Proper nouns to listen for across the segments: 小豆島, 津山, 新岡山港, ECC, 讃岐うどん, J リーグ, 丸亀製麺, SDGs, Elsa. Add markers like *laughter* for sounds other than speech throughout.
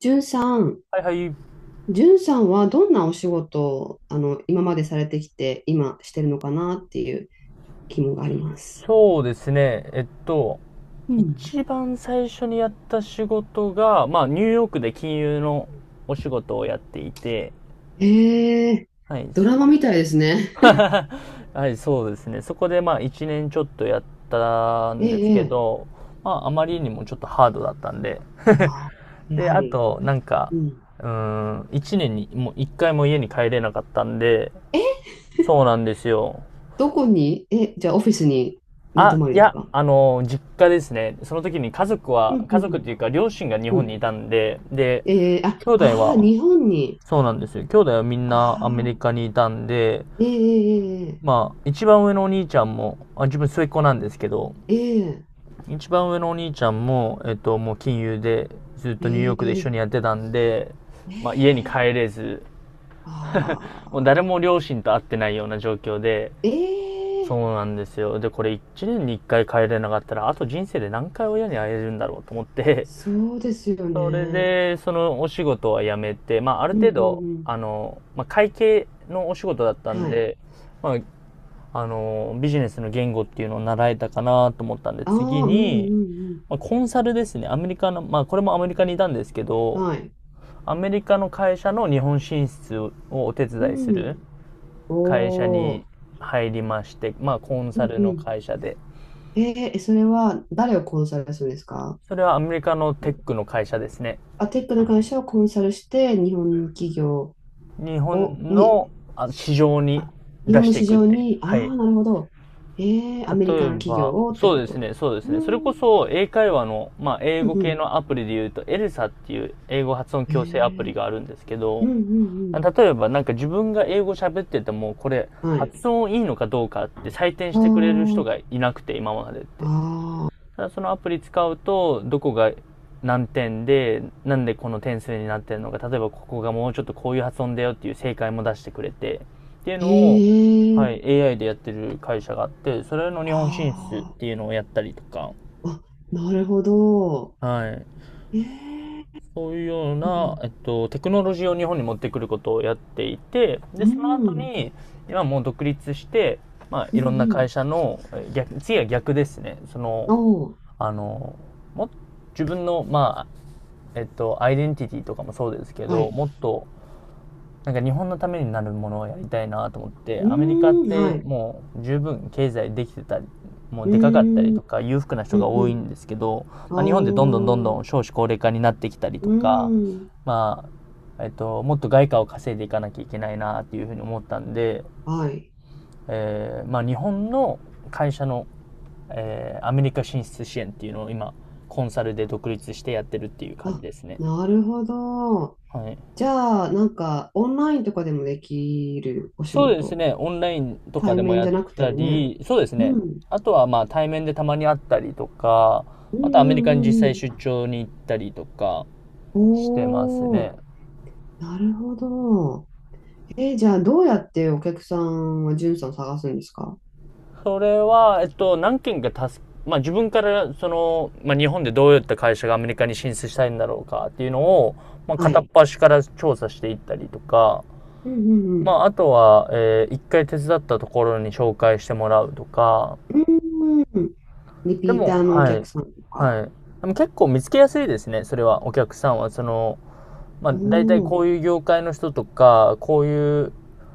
じゅんさん、はいはい。じゅんさんはどんなお仕事を今までされてきて、今してるのかなっていう疑問があります。そうですね。うん。一番最初にやった仕事が、ニューヨークで金融のお仕事をやっていて、ええ、はい、ドそ、ラマみたいですね。*laughs* はい、そうですね。そこで、一年ちょっとやったえんですけえ、ええ。ど、あまりにもちょっとハードだったんで、ああ、やで、はあり。と、うん。うー一年に、もう一回も家に帰れなかったんで、え、そうなんですよ。どこに、え、じゃあオフィスに寝泊まりですか？実家ですね。その時に家族うは、ん、う家族っん、ていうか両親が日う本にいん。たんで、で、ええ、あ、兄弟ああ、は、日本に。そうなんですよ。兄弟はみんなアメあリあ。カにいたんで、ええ、ええ、一番上のお兄ちゃんも、あ、自分末っ子なんですけど、ええ、一番上のお兄ちゃんも、もう金融でずっとニューヨークで一緒ええ、にやってたんで、え家にえ、え帰え。れず、もう誰ああ。も両親と会ってないような状況で、えそえ、うなんですよ。で、これ1年に1回帰れなかったら、あと人生で何回親に会えるんだろうと思って、そうですよ *laughs* それね。で、そのお仕事は辞めて、まあ、あるうん、う程度、ん、うん。会計のお仕事だったんはい。で、まあ、ビジネスの言語っていうのを習えたかなと思ったんで、あ次あ、うん、に、うん、コンサルですね。アメリカの、まあ、これもアメリカにいたんですけうん。ど、はい。アメリカの会社の日本進出をお手う伝いすん。るお会社にお。入りまして、まあ、コンうサん、ルうのん。会社で。えー、それは誰をコンサルするんですか？それはアメリカのテックの会社ですね。あ、テックの会社をコンサルして、日本企業日本を、に、の市場にあ、日出本しのてい市くっ場て。に、あはい。あ、なるほど。えー、アメリ例カえの企業ば、をってそうこですと。ね、そうですうね。それん、こそ英会話の、まあ、英う語系ん、のアプリで言うと、エルサっていう英語発音うん。矯正アプえリー、があるんですけうど、ん、うん、例えばなんか自分が英語喋ってても、これうん。はい。発音いいのかどうかって採点してくれる人あがいなくて、今までっあ、て。ああ、ただそのアプリ使うと、どこが何点で、なんでこの点数になってるのか、例えばここがもうちょっとこういう発音だよっていう正解も出してくれて、っていうえのを、えはー、い、AI でやってる会社があって、それの日本進出っああ。ていうのをやったりとか、あ、なるほど。はい、ええ、そういうよううな、ん、テクノロジーを日本に持ってくることをやっていて、で、うそのん。う後ん。に、今もう独立して、まあ、ういん、うろんな会ん。社の、逆、次は逆ですね。その、おお。あの、も、自分の、まえっと、アイデンティティとかもそうですけはど、い。もっと、なんか日本のためになるものをやりたいなと思って、うアメリカっーん。はてい。もう十分経済できてたり、もううでかかったりーん。とか裕福なう人がん、う多いん。んですけど、あ日本でどんどんどんどー、ん少子高齢化になってきたりうとーか、ん。まあ、もっと外貨を稼いでいかなきゃいけないなっていうふうに思ったんで、はい。まあ日本の会社の、アメリカ進出支援っていうのを今、コンサルで独立してやってるっていう感じあ、ですね。なるほど。はい。じゃあ、なんか、オンラインとかでもできるお仕そうです事。ね。オンラインとか対でも面やじっゃなくてたもね。り、そうですうね。ん。あとはまあ対面でたまに会ったりとか、うあん、とうアメリカん、にう実ん、際う出ん。張に行ったりとかしてますおね。お。なるほど。えー、じゃあ、どうやってお客さんは、んさん探すんですか？それは、何件か助け、まあ自分からその、まあ日本でどういった会社がアメリカに進出したいんだろうかっていうのを、まあは片っい。端から調査していったりとか、うん、うん、まうああとは、一回手伝ったところに紹介してもらうとか、ん。うーん。リでピータも、ーのおはい。客さんとか。はい。でも結構見つけやすいですね、それは、お客さんは。その、まあ、お大体こー、ういう業界の人とか、こういう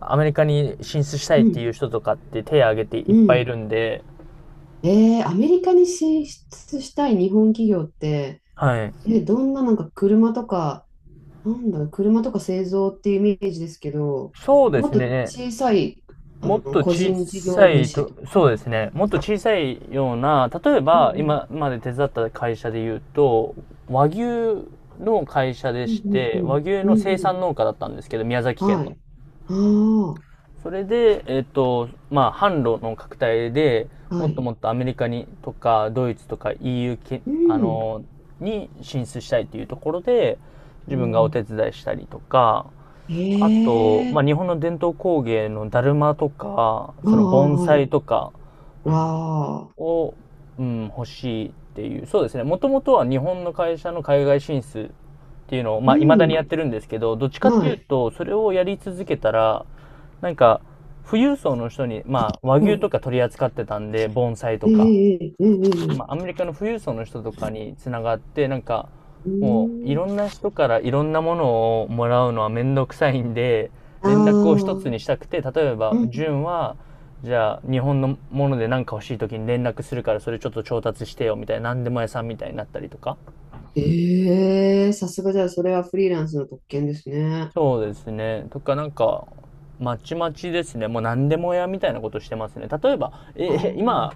アメリカに進出したいうってん。いう人とかって手を挙げていうっぱいいん。るんで、えー、アメリカに進出したい日本企業って、はい。え、どんな、なんか車とか、なんだろう、車とか製造っていうイメージですけど、そうでもっすとね。小さい、もっと個小人事さ業い主と、とか。そうですね。もっと小さいような、例えうん、ばうん、今まで手伝った会社で言うと、和牛の会社でうん、しうん、うて、和ん。牛うん、の生うん。産農家だったんですけど、宮崎県はの。い。あそれで、まあ、販路の拡大で、あ、もはっとい。もっとアメリカにとか、ドイツとか EU け、うあん。の、に進出したいというところで、お自分がお手ー、伝いしたりとか、あと、ええ、まあ、日本の伝統工芸のだるまとか、あそのあ、盆は栽い。とか、わあ。を、うん、欲しいっていう。そうですね。もともとは日本の会社の海外進出っていうのを、うまあ、未だにん。やってるんですけど、どっちかってはいうい。と、それをやり続けたら、なんか、富裕層の人に、まあ、和は牛い、とか取り扱ってたんで、盆栽とええ、か。ええ、えまあ、アえ、メリカの富裕層の人とかにつながって、なんか、ええ、うもういーん。ろんな人からいろんなものをもらうのはめんどくさいんで、あ連絡を一つあ。にしたくて、例えうば、ん。純は、じゃあ日本のもので何か欲しい時に連絡するからそれちょっと調達してよみたいな、何でも屋さんみたいになったりとか。ええ、さすが。じゃあ、それはフリーランスの特権ですね。そうですね。とかなんか、まちまちですね。もう何でも屋みたいなことしてますね。例えば、あ今、あ。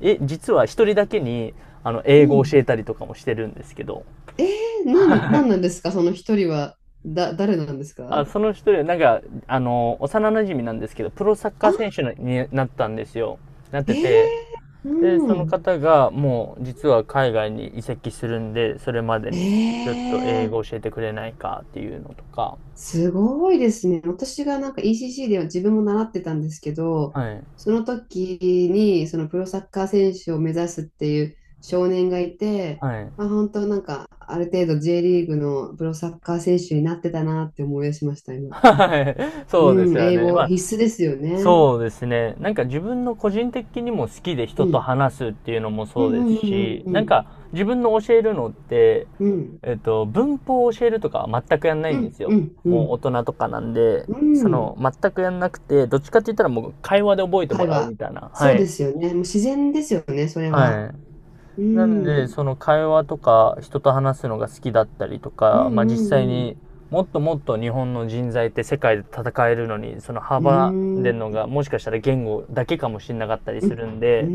実は一人だけに、う英語をん。教えたりとかもしてるんですけど。ええ、なん、はないんなんですかその一人は、だ、誰なんですか？あ、その一人、なんか、幼馴染なんですけど、プロサッカーあ、選手になったんですよ。なっえてて、え、で、うそのん。方が、もう、実は海外に移籍するんで、それまでに、ちえょっと英え、語教えてくれないかっていうのとか、すごいですね。私がなんか ECC では自分も習ってたんですけど、はい。その時にそのプロサッカー選手を目指すっていう少年がいて、はまい。あ、本当なんかある程度 J リーグのプロサッカー選手になってたなって思い出しました、今。はい。うそうですん、よ英ね。語まあ、必須ですよね。そうですね。なんか自分の個人的にも好きでう人とん。話すっていうのもうん、そうでうすん、うん、し、うなんん、か自分の教えるのって、うん。文法を教えるとかは全くやんないうんでん、すうよ。ん、うもうん。大人とかなんで、うそん。の、全くやんなくて、どっちかって言ったらもう会話で覚えても会らう話。みたいな。はそうい。ですよね。もう自然ですよね、それは。はい。うなんで、ん。その会話とか人と話すのが好きだったりとうん、か、まうあ実際ん、うん。にもっともっと日本の人材って世界で戦えるのに、そのう幅でん。のがもしかしたら言語だけかもしれなかったりうすん、るんうで、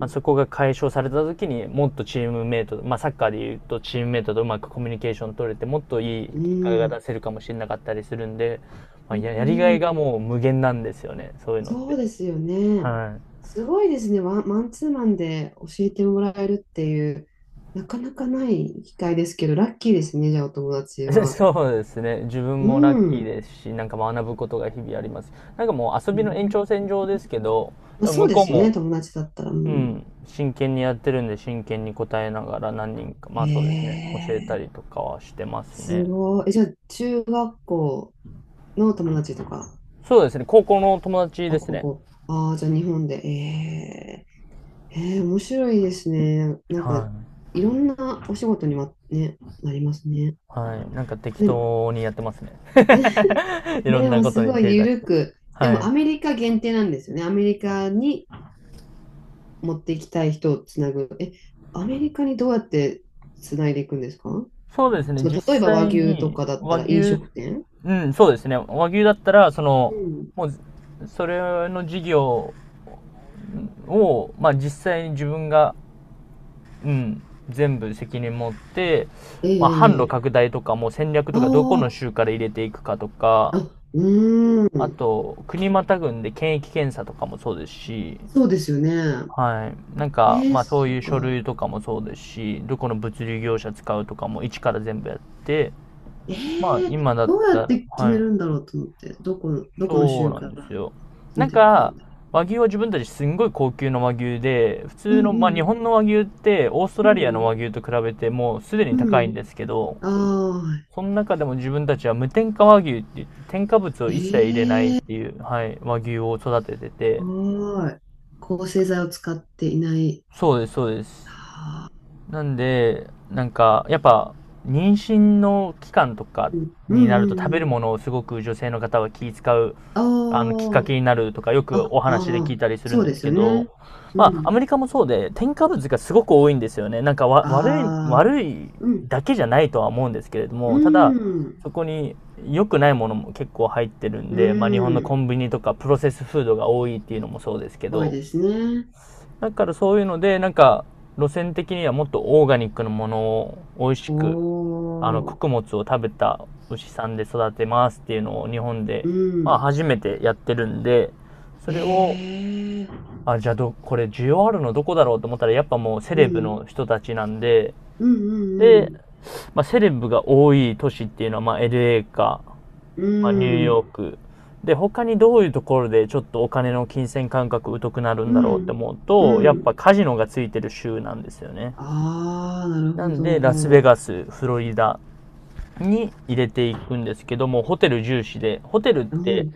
まあ、ん、そこが解消された時にもっとチームメイト、まあサッカーでいうとチームメイトとうまくコミュニケーション取れてもっといいう結果が出ん、せるかもしれなかったりするんで、まあうややりがいがん、もう無限なんですよね、そういうのっそうて。ですよね。はい。すごいですね。ワン、マンツーマンで教えてもらえるっていう、なかなかない機会ですけど、ラッキーですね、じゃあお友達 *laughs* は。そうですね。自分うもラッキーん。ですし、なんか学ぶことが日々あります。なんかもう遊うびの延長ん、線上ですけど、まであ、もそう向でこうすね、も、友達だったら。ううん、ん、真剣にやってるんで、真剣に答えながら何人か、まあそうですね、へ教えたりえ、とかはしてますすね。ごい。え、じゃあ中学校の友達とか、そうですね、高校の友達あ、です高ね。校。ああ、じゃあ日本で。ええ、えー、面白いですね。なんはか、い。いろんなお仕事にはね、なりますね。はい。なんか適でも、当にやってますね。*laughs* いろんでなもことすにごい手出し緩て。く、ではもい。アメリカ限定なんですよね。アメリカに持っていきたい人をつなぐ。え、アメリカにどうやってつないでいくんですか？そうですね、そう、実例えば和際牛とにかだっ和たら飲牛、食店。うん、そうですね、和牛だったら、うん。もう、それの事業を、まあ実際に自分が、うん、全部責任持って、えまあ販路え、拡大とかも戦略とかどこのあ、州から入れていくかとあー、か、あ、うーあん。と、国またぐんで検疫検査とかもそうですし、そうですよね。はい。なんか、えー、まあそうそいうう書か。類とかもそうですし、どこの物流業者使うとかも一から全部やって、まあ、ええ、今だっどうたやっら、て決はめい。るんだろうと思って、どこの、どこのそう州なんかですらよ。決なめんていくかみか、たい和牛は自分たちすんごい高級の和牛で、普な。う通ん、の、うまあ日ん、本の和牛ってオーストうラリアのん。和牛と比べてもうすでにう高いんん。ですけど、ああ、その中でも自分たちは無添加和牛って言って、添加物をえ一切入れないっえー、てすいう、はい、和牛を育ててて、ごい。抗生剤を使っていない。そうです、そうです。ああ、なんで、なんか、やっぱ、妊娠の期間とかうん、うにん、なると食うべん。るものをすごく女性の方は気遣うあきっかけになるとか、よあ、くあ、お話で聞あいあ、たりするそんうでですすよけね。ど、うまあ、アん。メリカもそうで、添加物がすごく多いんですよね。なんか、悪い、ああ、悪いうん、だけじゃないとは思うんですけれどうも、ただ、ん、そこに良くないものも結構入ってるんうで、まあ、日本のコん。ンビニとかプロセスフードが多いっていうのもそうですけ多いど、ですね。だからそういうので、なんか、路線的にはもっとオーガニックのものを美味しくおお、穀物を食べた牛さんで育てますっていうのを日本で、うまあん。初めてやってるんで、それえを、あ、え、じゃあこれ需要あるのどこだろうと思ったら、やっぱもうセうレブん、の人たちなんで、うん、うで、ん、まあセレブが多い都市っていうのは、まあ LA か、うまあニューヨーん。ク。で、他にどういうところでちょっとお金の金銭感覚疎くなるうんだろうってん。思ううと、ん。やっうぱん。カジノがついてる州なんですよね。ああ、なるなほんで、ラスベど。ガス、フロリダ、に入れていくんですけども、ホテル重視で、ホテルっうてん。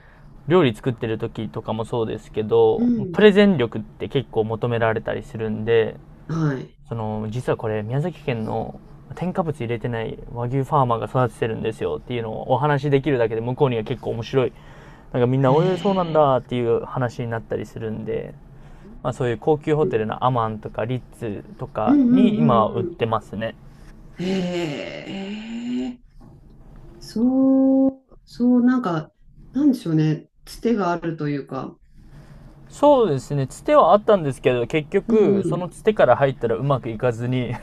料理作ってる時とかもそうですけうど、プん。レゼン力って結構求められたりするんで、はい。実はこれ宮崎県の添加物入れてない和牛ファーマーが育ててるんですよっていうのをお話しできるだけで向こうには結構面白い。なんかみんな、おいそうなんへえ。だっていう話になったりするんで、まあそういう高級ホうん、テルのアマンとかリッツとうかん、うに今ん、う売っん、うてますね。ん。へえ。そう、そう、なんか、なんでしょうね。つてがあるというか。そうですね、つてはあったんですけど、結うん、局、うそのん。つてから入ったらうまくいかずに *laughs*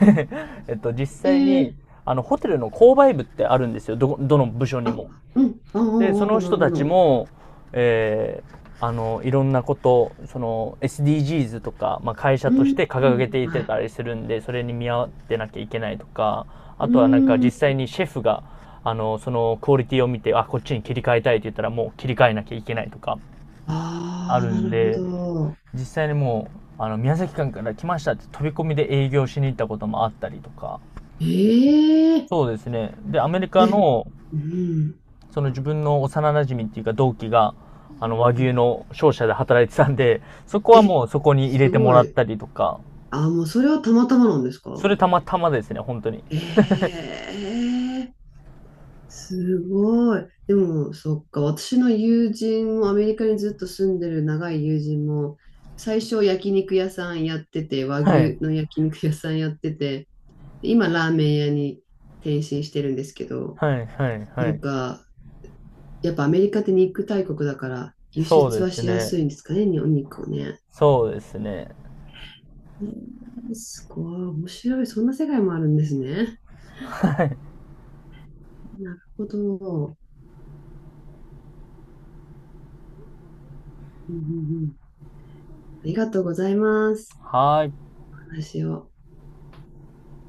実へ際に、え。ホテルの購買部ってあるんですよ、どの部署にあ、も。うん。ああ、で、そあのあ、なる人ほたちど。も、いろんなこと、SDGs とか、まあ、会社うとしん。て掲げていはてい。たりするんで、それに見合ってなきゃいけないとか、あうとはなんかん。実際にシェフが、そのクオリティを見て、あ、こっちに切り替えたいって言ったらもう切り替えなきゃいけないとか、あああ、るなんるほで、ど。実際にもう宮崎県から来ましたって飛び込みで営業しに行ったこともあったりとか。ええ、そうですね、でアメリカえ、のうん。その自分の幼なじみっていうか同期が和牛の商社で働いてたんで、そこはえ、もうそこに入れすてもごらっい。たりとか。あ、もうそれはたまたまなんですそか？れたまたまですね、本当に。ええ、すごい。でも、そっか、私の友人も、アメリカにずっと住んでる長い友人も、最初焼肉屋さんやってて、和はい牛の焼肉屋さんやってて、今ラーメン屋に転身してるんですけど、はいはいなはんい。か、やっぱアメリカって肉大国だから、輸そ出うはですしやね、すいんですかね、お肉をね。そうですね。えー、すごい、面白い。そんな世界もあるんですね。はい。なるほど。うん、うん、うん。ありがとうございます。はーい。お話を。